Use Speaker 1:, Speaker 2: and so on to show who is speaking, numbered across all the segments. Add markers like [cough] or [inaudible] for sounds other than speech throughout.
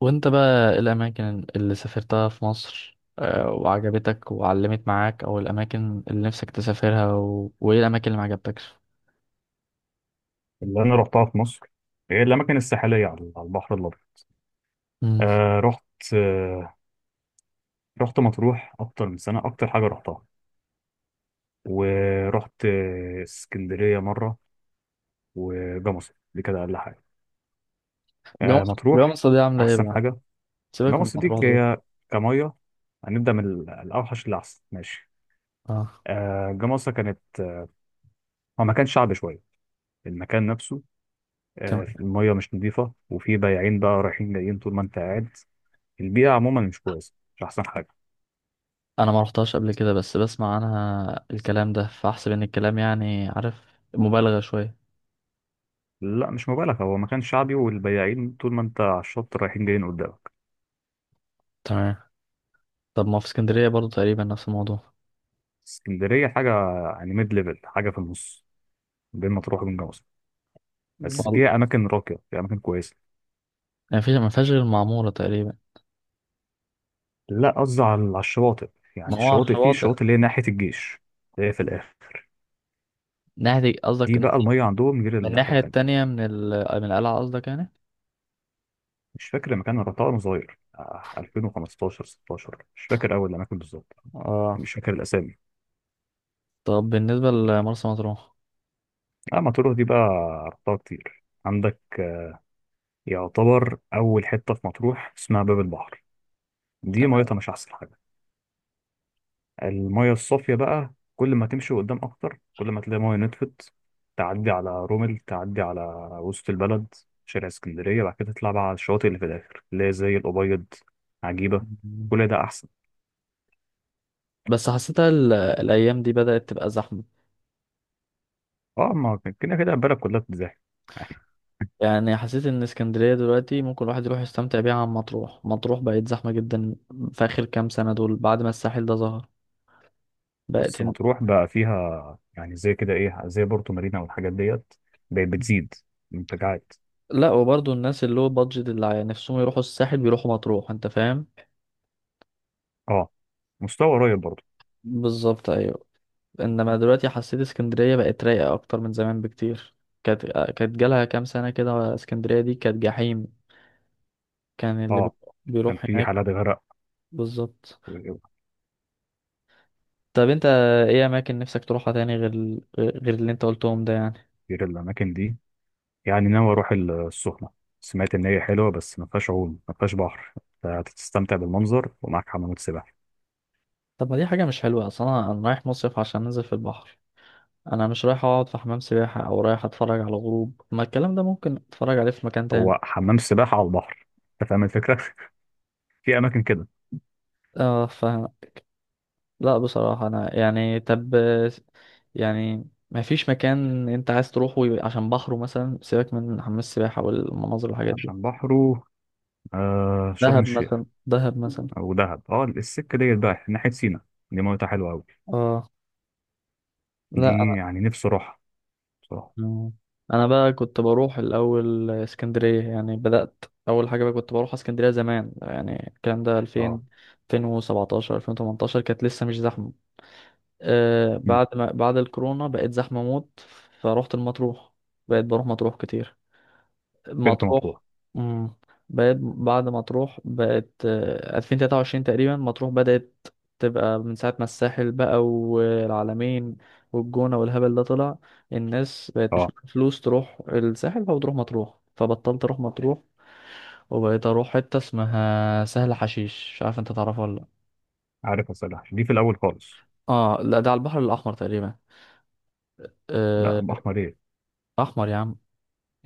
Speaker 1: وانت بقى ايه الاماكن اللي سافرتها في مصر وعجبتك وعلمت معاك او الاماكن اللي نفسك تسافرها وايه الاماكن اللي ما عجبتكش؟
Speaker 2: اللي انا رحتها في مصر هي الاماكن الساحليه على البحر الابيض.
Speaker 1: امم.
Speaker 2: آه رحت آه رحت مطروح اكتر من سنه، اكتر حاجه رحتها. ورحت اسكندريه مره. وجمصة دي كده اقل حاجه.
Speaker 1: جوه مصر، جوه
Speaker 2: مطروح
Speaker 1: مصر دي عامله ايه
Speaker 2: احسن
Speaker 1: بقى؟
Speaker 2: حاجه.
Speaker 1: سيبك من
Speaker 2: جمصة دي
Speaker 1: مطروح دول.
Speaker 2: هي كميه. هنبدا من الاوحش للاحسن ماشي.
Speaker 1: اه،
Speaker 2: جمصة كانت هو مكان شعبي شويه، المكان نفسه.
Speaker 1: تمام.
Speaker 2: الميه مش نظيفه، وفي بياعين بقى رايحين جايين طول ما انت قاعد. البيئه عموما مش كويسه، مش احسن حاجه.
Speaker 1: انا ما رحتهاش قبل كده، بس بسمع عنها الكلام ده، فاحسب ان الكلام يعني عارف مبالغه شويه.
Speaker 2: لا، مش مبالغة، هو مكان شعبي والبياعين طول ما انت على الشط رايحين جايين قدامك.
Speaker 1: تمام. طب ما في اسكندريه برضو تقريبا نفس الموضوع.
Speaker 2: اسكندرية حاجة يعني ميد ليفل، حاجة في النص بين مطروح وبين جمصة.
Speaker 1: مم.
Speaker 2: بس
Speaker 1: والله،
Speaker 2: فيها أماكن راقية، فيها أماكن كويسة.
Speaker 1: يعني فيش ما فيهاش غير المعموره تقريبا.
Speaker 2: لا، قصدي على الشواطئ.
Speaker 1: ما
Speaker 2: يعني
Speaker 1: هو على
Speaker 2: الشواطئ، فيه
Speaker 1: الشواطئ.
Speaker 2: الشواطئ اللي هي ناحية الجيش، اللي هي في الآخر.
Speaker 1: ناحيه قصدك
Speaker 2: دي بقى المية عندهم غير
Speaker 1: من
Speaker 2: الناحية
Speaker 1: الناحيه
Speaker 2: التانية.
Speaker 1: التانية، من القلعه قصدك يعني؟
Speaker 2: مش فاكر المكان، أنا رحتها وأنا صغير، 2015 16، مش فاكر أول الأماكن بالظبط.
Speaker 1: اه.
Speaker 2: يعني مش فاكر الأسامي.
Speaker 1: طب بالنسبة لمرسى مطروح.
Speaker 2: اه، مطروح دي بقى رحتها كتير عندك. يعتبر أول حتة في مطروح اسمها باب البحر. دي ميتها مش أحسن حاجة. المية الصافية بقى كل ما تمشي قدام أكتر كل ما تلاقي مية نطفت. تعدي على رومل، تعدي على وسط البلد، شارع اسكندرية. بعد كده تطلع بقى على الشواطئ اللي في الآخر، اللي هي زي الأبيض، عجيبة.
Speaker 1: تمام.
Speaker 2: كل ده أحسن.
Speaker 1: بس حسيتها الأيام دي بدأت تبقى زحمة.
Speaker 2: اه، ما كان كده كده البلد كلها بتتزحم يعني.
Speaker 1: يعني حسيت إن اسكندرية دلوقتي ممكن الواحد يروح يستمتع بيها عن مطروح. مطروح بقت زحمة جدا في آخر كام سنة دول، بعد ما الساحل ده ظهر.
Speaker 2: [laughs]
Speaker 1: بقت
Speaker 2: بس
Speaker 1: إن...
Speaker 2: مطروح بقى فيها يعني زي كده إيه، زي بورتو مارينا والحاجات ديت. بقت بتزيد منتجعات.
Speaker 1: لا، وبرضه الناس اللي هو بادجت، اللي نفسهم يروحوا الساحل بيروحوا مطروح، أنت فاهم.
Speaker 2: اه، مستوى قريب برضه.
Speaker 1: بالظبط، أيوة. إنما دلوقتي حسيت اسكندرية بقت رايقة أكتر من زمان بكتير. كانت كانت جالها كام سنة كده اسكندرية دي كانت جحيم. كان اللي
Speaker 2: اه، كان
Speaker 1: بيروح
Speaker 2: في
Speaker 1: هناك.
Speaker 2: حالات غرق.
Speaker 1: بالظبط. طب انت ايه اماكن نفسك تروحها تاني غير غير اللي انت قلتهم ده يعني؟
Speaker 2: غير الاماكن دي، يعني ناوي اروح السخنه. سمعت ان هي حلوه بس ما فيهاش عوم، ما فيهاش بحر. هتستمتع بالمنظر ومعاك حمامات سباحه.
Speaker 1: طب ما دي حاجه مش حلوه اصلا، أنا رايح مصيف عشان انزل في البحر. انا مش رايح اقعد في حمام سباحه، او رايح اتفرج على غروب، ما الكلام ده ممكن اتفرج عليه في مكان تاني.
Speaker 2: هو حمام سباحه على البحر، انت فاهم الفكره. [laughs] في اماكن كده.
Speaker 1: اه، لا، بصراحه انا يعني طب، يعني ما فيش مكان انت عايز تروحه عشان بحره مثلا، سيبك من حمام السباحه والمناظر والحاجات دي.
Speaker 2: عشان بحره، شرم
Speaker 1: دهب
Speaker 2: الشيخ.
Speaker 1: مثلا، دهب مثلا.
Speaker 2: او دهب. اه، السكه ديت بقى ناحيه سينا، دي ميتها حلوه قوي.
Speaker 1: اه. لا.
Speaker 2: دي يعني نفسي اروحها بصراحه.
Speaker 1: مم. انا بقى كنت بروح الاول اسكندريه، يعني بدات اول حاجه بقى كنت بروح اسكندريه زمان، يعني الكلام ده
Speaker 2: اه.
Speaker 1: 2000، 2017، 2018، كانت لسه مش زحمه.
Speaker 2: مم.
Speaker 1: بعد ما بعد الكورونا بقت زحمه موت. فروحت المطروح. بقيت بروح مطروح كتير.
Speaker 2: بنت
Speaker 1: مطروح.
Speaker 2: مطروح.
Speaker 1: مم. بقت بعد مطروح، بقت 2023 تقريبا مطروح بدأت تبقى، من ساعة ما الساحل بقى والعلمين والجونة والهبل ده طلع. الناس بقت مش
Speaker 2: اه،
Speaker 1: معاها فلوس تروح الساحل فبتروح مطروح، فبطلت اروح مطروح. وبقيت اروح حتة اسمها سهل حشيش، مش عارف انت تعرفها ولا لا.
Speaker 2: عارف. عسل حشيش دي في الاول خالص.
Speaker 1: اه. لا، ده على البحر الاحمر تقريبا.
Speaker 2: لا،
Speaker 1: آه،
Speaker 2: بحمر ايه؟
Speaker 1: احمر يا عم،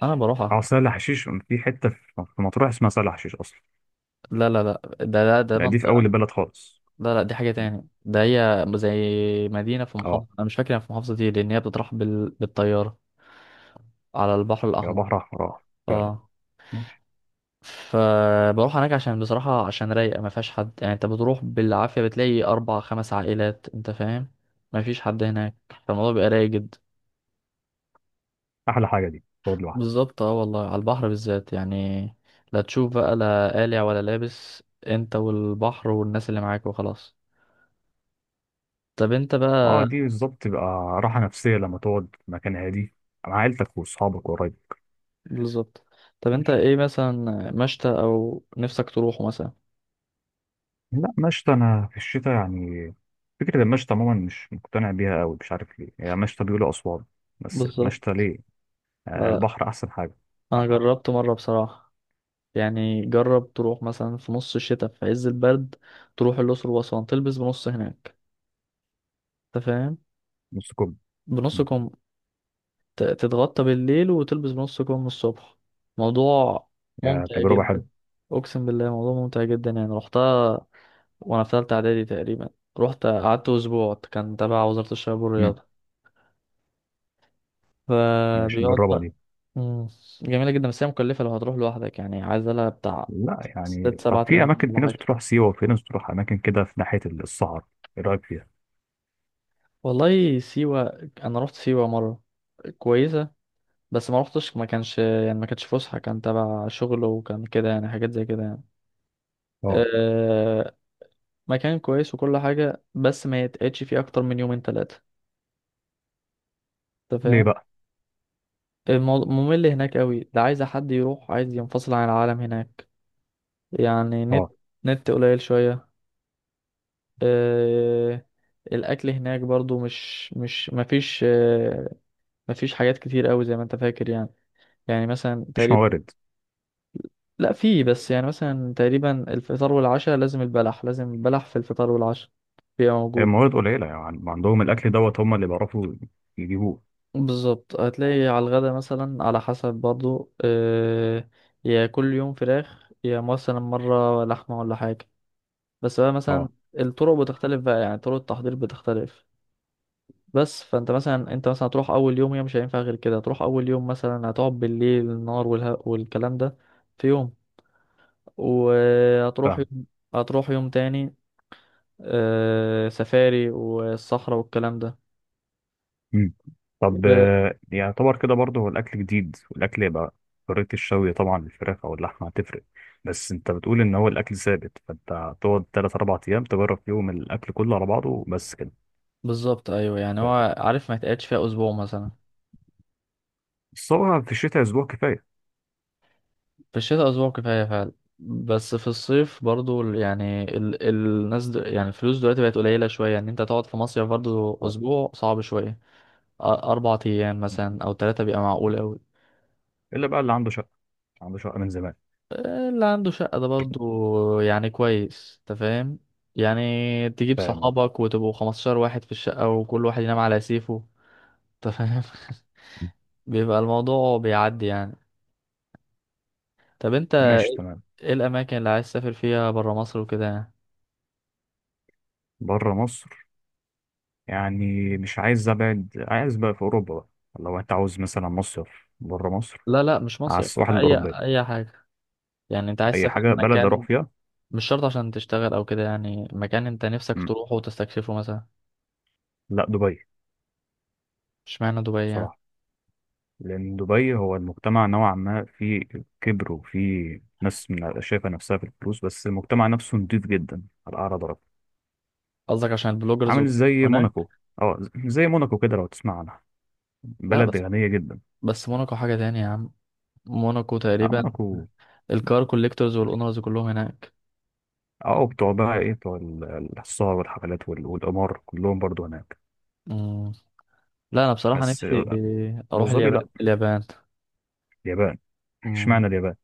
Speaker 1: انا بروحها.
Speaker 2: اه، سهل حشيش في حته في مطروح اسمها سهل حشيش اصلا.
Speaker 1: لا لا لا، ده
Speaker 2: لا، دي في اول
Speaker 1: منطقة.
Speaker 2: البلد خالص.
Speaker 1: لا لا، دي حاجة تاني، ده هي زي مدينة في
Speaker 2: اه،
Speaker 1: محافظة، أنا مش فاكر هي في محافظة ايه، لأن هي بتروح بالطيارة على البحر
Speaker 2: يا بحر
Speaker 1: الأحمر.
Speaker 2: احمر اه. فعلا.
Speaker 1: اه.
Speaker 2: ماشي.
Speaker 1: فبروح هناك عشان بصراحة عشان رايقة ما فيهاش حد، يعني أنت بتروح بالعافية بتلاقي أربع خمس عائلات، أنت فاهم. ما فيش حد هناك، فالموضوع بيبقى رايق جدا.
Speaker 2: احلى حاجه دي، تقعد لوحدك.
Speaker 1: بالظبط، اه والله، على البحر بالذات يعني. لا تشوف بقى، لا قالع ولا لابس، أنت والبحر والناس اللي معاك وخلاص. طب أنت
Speaker 2: اه،
Speaker 1: بقى.
Speaker 2: دي بالظبط تبقى راحه نفسيه لما تقعد في مكان هادي مع عيلتك واصحابك وقرايبك.
Speaker 1: بالظبط. طب انت
Speaker 2: ماشي.
Speaker 1: ايه مثلا مشتى او نفسك تروحه مثلا؟
Speaker 2: لا، مشتى انا في الشتاء يعني فكره المشتى عموما مش مقتنع بيها قوي. مش عارف ليه، هي مشتى بيقولوا اسوان، بس المشتى
Speaker 1: بالظبط.
Speaker 2: ليه؟
Speaker 1: لا،
Speaker 2: البحر احسن حاجه.
Speaker 1: انا
Speaker 2: آه،
Speaker 1: جربت مره بصراحه. يعني جرب تروح مثلا في نص الشتاء في عز البرد، تروح الاقصر واسوان تلبس بنص هناك، انت فاهم.
Speaker 2: نص كوب.
Speaker 1: بنص
Speaker 2: مم.
Speaker 1: كم، تتغطى بالليل وتلبس بنص كم الصبح، موضوع
Speaker 2: يا
Speaker 1: ممتع
Speaker 2: تجربه
Speaker 1: جدا.
Speaker 2: حلوه.
Speaker 1: اقسم بالله موضوع ممتع جدا، يعني رحتها وانا في ثالثه اعدادي تقريبا، رحت قعدت اسبوع، كان تبع وزاره الشباب
Speaker 2: مم.
Speaker 1: والرياضه. مم.
Speaker 2: ماشي
Speaker 1: فبيقعد.
Speaker 2: نجربها دي.
Speaker 1: مم. جميلة جدا، بس هي مكلفة لو هتروح لوحدك، يعني عايزة لها بتاع
Speaker 2: لا يعني،
Speaker 1: ست
Speaker 2: طب
Speaker 1: سبعة
Speaker 2: في
Speaker 1: آلاف
Speaker 2: اماكن، في
Speaker 1: ولا
Speaker 2: ناس
Speaker 1: حاجة.
Speaker 2: بتروح سيوه وفي ناس بتروح اماكن كده في ناحيه الصحراء. ايه رايك فيها؟
Speaker 1: والله سيوة، أنا رحت سيوة مرة، كويسة. بس ما رحتش، ما كانش يعني ما كانتش فسحة، كان تبع شغل، وكان كده يعني حاجات زي كده يعني.
Speaker 2: اه.
Speaker 1: أه. مكان كويس وكل حاجة، بس ما يتقعدش فيه أكتر من يومين تلاتة، أنت
Speaker 2: ليه
Speaker 1: فاهم.
Speaker 2: بقى؟
Speaker 1: الموضوع ممل هناك قوي، ده عايز حد يروح، عايز ينفصل عن العالم هناك. يعني نت
Speaker 2: اه.
Speaker 1: نت قليل شوية. آه، الاكل هناك برضو مش مش مفيش مفيش حاجات كتير قوي زي ما انت فاكر يعني. يعني مثلا
Speaker 2: مفيش
Speaker 1: تقريبا.
Speaker 2: موارد.
Speaker 1: لا، في بس يعني مثلا تقريبا الفطار والعشاء لازم البلح، لازم البلح في الفطار والعشاء بيبقى
Speaker 2: هي
Speaker 1: موجود.
Speaker 2: موارد قليله يعني، عندهم الاكل دوت هم اللي بيعرفوا يجيبوه.
Speaker 1: بالظبط، هتلاقي على الغدا مثلا على حسب برضو يا كل يوم فراخ يا مثلا مرة لحمة ولا حاجة. بس بقى مثلا
Speaker 2: اه،
Speaker 1: الطرق بتختلف بقى، يعني طرق التحضير بتختلف. بس فانت مثلا انت مثلا هتروح اول يوم، هي مش هينفع غير كده، هتروح اول يوم مثلا هتقعد بالليل النهار والها والكلام ده، في يوم. وهتروح
Speaker 2: فاهم.
Speaker 1: يوم، هتروح يوم تاني سفاري والصحراء والكلام ده.
Speaker 2: مم. طب
Speaker 1: و-
Speaker 2: يعتبر كده برضه هو الاكل جديد، والاكل يبقى طريقه الشوي طبعا الفراخ او اللحمه هتفرق. بس انت بتقول ان هو الاكل ثابت، فانت هتقعد 3 4 ايام تجرب فيهم الاكل كله على بعضه بس كده.
Speaker 1: بالظبط ايوه، يعني
Speaker 2: كفايه.
Speaker 1: هو عارف ما يتقعدش فيها اسبوع مثلا.
Speaker 2: بس هو في الشتاء اسبوع كفايه.
Speaker 1: في الشتاء اسبوع كفايه فعلا. بس في الصيف برضو يعني الناس يعني الفلوس دلوقتي بقت قليله شويه ان انت تقعد في مصيف برضو
Speaker 2: اه،
Speaker 1: اسبوع صعب شويه. اربع ايام مثلا او ثلاثه بيبقى معقول قوي.
Speaker 2: الا بقى اللي عنده شقه، عنده شقه من زمان.
Speaker 1: اللي عنده شقة ده برضو يعني كويس، انت فاهم. يعني تجيب
Speaker 2: فاهم. اه.
Speaker 1: صحابك وتبقوا 15 واحد في الشقة وكل واحد ينام على سيفه، انت فاهم.
Speaker 2: مم.
Speaker 1: [laughs] بيبقى الموضوع بيعدي يعني. طب انت
Speaker 2: ماشي تمام.
Speaker 1: ايه الأماكن اللي عايز تسافر فيها برا مصر وكده يعني؟
Speaker 2: بره مصر، يعني مش عايز ابعد، عايز بقى في اوروبا بقى. لو انت عاوز مثلا مصيف بره مصر
Speaker 1: لا لا مش
Speaker 2: على
Speaker 1: مصيف،
Speaker 2: السواحل
Speaker 1: أي
Speaker 2: الاوروبيه.
Speaker 1: أي حاجة، يعني انت عايز
Speaker 2: اي
Speaker 1: تسافر
Speaker 2: حاجه، بلد
Speaker 1: مكان.
Speaker 2: اروح فيها.
Speaker 1: مش شرط عشان تشتغل أو كده، يعني مكان انت نفسك
Speaker 2: مم.
Speaker 1: تروحه وتستكشفه مثلا.
Speaker 2: لا، دبي
Speaker 1: مش معنى دبي يعني؟
Speaker 2: بصراحه. لان دبي هو المجتمع نوعا ما فيه كبر، وفيه ناس شايفه نفسها في الفلوس، بس المجتمع نفسه نضيف جدا على اعلى درجه.
Speaker 1: قصدك عشان البلوجرز
Speaker 2: عامل
Speaker 1: وكده
Speaker 2: زي
Speaker 1: هناك؟
Speaker 2: موناكو. اه، زي موناكو كده لو تسمع عنها،
Speaker 1: لا
Speaker 2: بلد
Speaker 1: بس
Speaker 2: غنيه جدا.
Speaker 1: بس موناكو حاجة تانية يا عم. موناكو
Speaker 2: اه،
Speaker 1: تقريبا
Speaker 2: موناكو.
Speaker 1: الكار كوليكتورز والاونرز كلهم هناك.
Speaker 2: اه، بتوع بقى ايه، بتوع السهر والحفلات والقمار كلهم برضو هناك.
Speaker 1: مم. لا انا بصراحة
Speaker 2: بس
Speaker 1: نفسي
Speaker 2: ابو
Speaker 1: اروح
Speaker 2: ظبي، لا.
Speaker 1: اليابان. اليابان.
Speaker 2: اليابان.
Speaker 1: مم.
Speaker 2: اشمعنى اليابان؟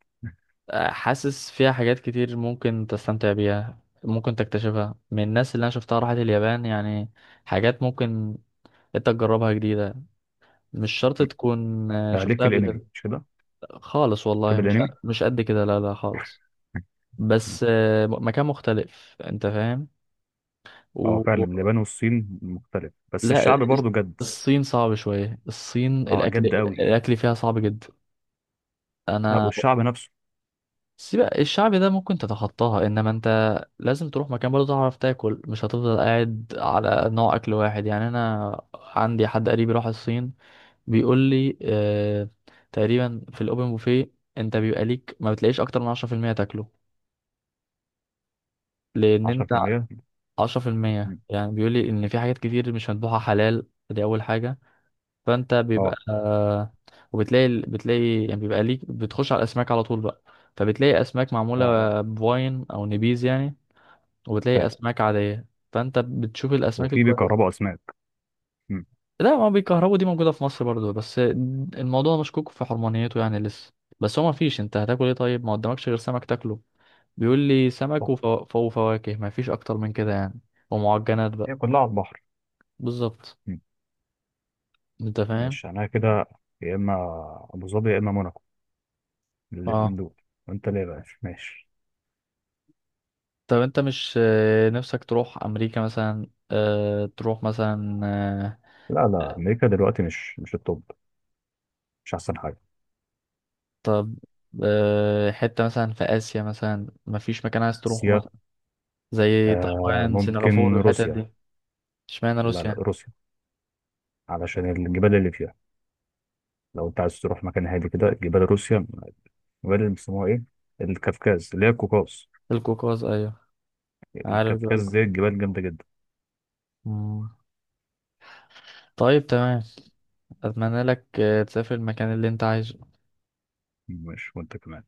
Speaker 1: حاسس فيها حاجات كتير ممكن تستمتع بيها، ممكن تكتشفها من الناس اللي انا شفتها راحت اليابان، يعني حاجات ممكن انت تجربها جديدة، مش شرط تكون
Speaker 2: ده ليك
Speaker 1: شفتها
Speaker 2: في
Speaker 1: قبل
Speaker 2: الانمي،
Speaker 1: كده.
Speaker 2: مش كده؟
Speaker 1: خالص
Speaker 2: تحب
Speaker 1: والله، مش
Speaker 2: الانمي.
Speaker 1: مش قد كده، لا لا خالص.
Speaker 2: [laughs] ماشي.
Speaker 1: بس مكان مختلف، انت
Speaker 2: اه،
Speaker 1: فاهم.
Speaker 2: فعلا اليابان والصين مختلف، بس
Speaker 1: لا،
Speaker 2: الشعب برضه جد.
Speaker 1: الصين صعب شوية، الصين
Speaker 2: اه،
Speaker 1: الأكل
Speaker 2: جد قوي.
Speaker 1: الأكل فيها صعب جدا.
Speaker 2: لا،
Speaker 1: أنا،
Speaker 2: والشعب نفسه.
Speaker 1: سيبك الشعب ده ممكن تتخطاها، إنما أنت لازم تروح مكان برضه تعرف تاكل، مش هتفضل قاعد على نوع أكل واحد، يعني أنا عندي حد قريبي راح الصين، بيقول لي آه تقريبا في الأوبن بوفيه أنت بيبقى ليك ما بتلاقيش أكتر من 10% تاكله. لأن أنت،
Speaker 2: 10%.
Speaker 1: 10%،
Speaker 2: مم.
Speaker 1: يعني بيقول لي إن في حاجات كتير مش مذبوحة حلال، دي أول حاجة. فانت بيبقى،
Speaker 2: اه.
Speaker 1: وبتلاقي بتلاقي يعني بيبقى ليك بتخش على الاسماك على طول بقى، فبتلاقي اسماك
Speaker 2: اه،
Speaker 1: معموله بواين او نبيز يعني، وبتلاقي
Speaker 2: فاهم.
Speaker 1: اسماك عاديه، فانت بتشوف الاسماك
Speaker 2: وفي
Speaker 1: الكويسه.
Speaker 2: بيكهربوا اسماك. مم.
Speaker 1: لا، ما بيكهربوا دي موجوده في مصر برضو، بس الموضوع مشكوك في حرمانيته يعني لسه. بس هو ما فيش، انت هتاكل ايه طيب، ما قدامكش غير سمك تاكله. بيقول لي سمك
Speaker 2: صح.
Speaker 1: وفواكه، ما فيش اكتر من كده يعني، ومعجنات بقى.
Speaker 2: هي كلها على البحر.
Speaker 1: بالظبط،
Speaker 2: مم.
Speaker 1: انت فاهم.
Speaker 2: ماشي انا كده، يا اما ابو ظبي يا اما موناكو. الاثنين
Speaker 1: اه.
Speaker 2: دول. وانت ليه بقى ماشي؟
Speaker 1: طب انت مش نفسك تروح امريكا مثلا، تروح مثلا
Speaker 2: لا لا، امريكا دلوقتي مش التوب، مش احسن حاجه.
Speaker 1: طب حتة مثلا في آسيا مثلا، مفيش مكان عايز تروحه
Speaker 2: روسيا.
Speaker 1: مثلا، زي
Speaker 2: آه،
Speaker 1: تايوان،
Speaker 2: ممكن
Speaker 1: سنغافورة، الحتت
Speaker 2: روسيا.
Speaker 1: دي؟ اشمعنى
Speaker 2: لا
Speaker 1: روسيا
Speaker 2: لا،
Speaker 1: يعني؟
Speaker 2: روسيا علشان الجبال اللي فيها. لو انت عايز تروح مكان هادي كده، جبال روسيا. الجبال اللي بيسموها ايه، الكافكاز، اللي هي القوقاز.
Speaker 1: القوقاز، ايوه، عارف جبال
Speaker 2: الكافكاز دي
Speaker 1: القوقاز.
Speaker 2: الجبال جامدة جدا.
Speaker 1: مم. طيب تمام، اتمنى لك تسافر المكان اللي انت عايزه.
Speaker 2: ماشي وانت كمان.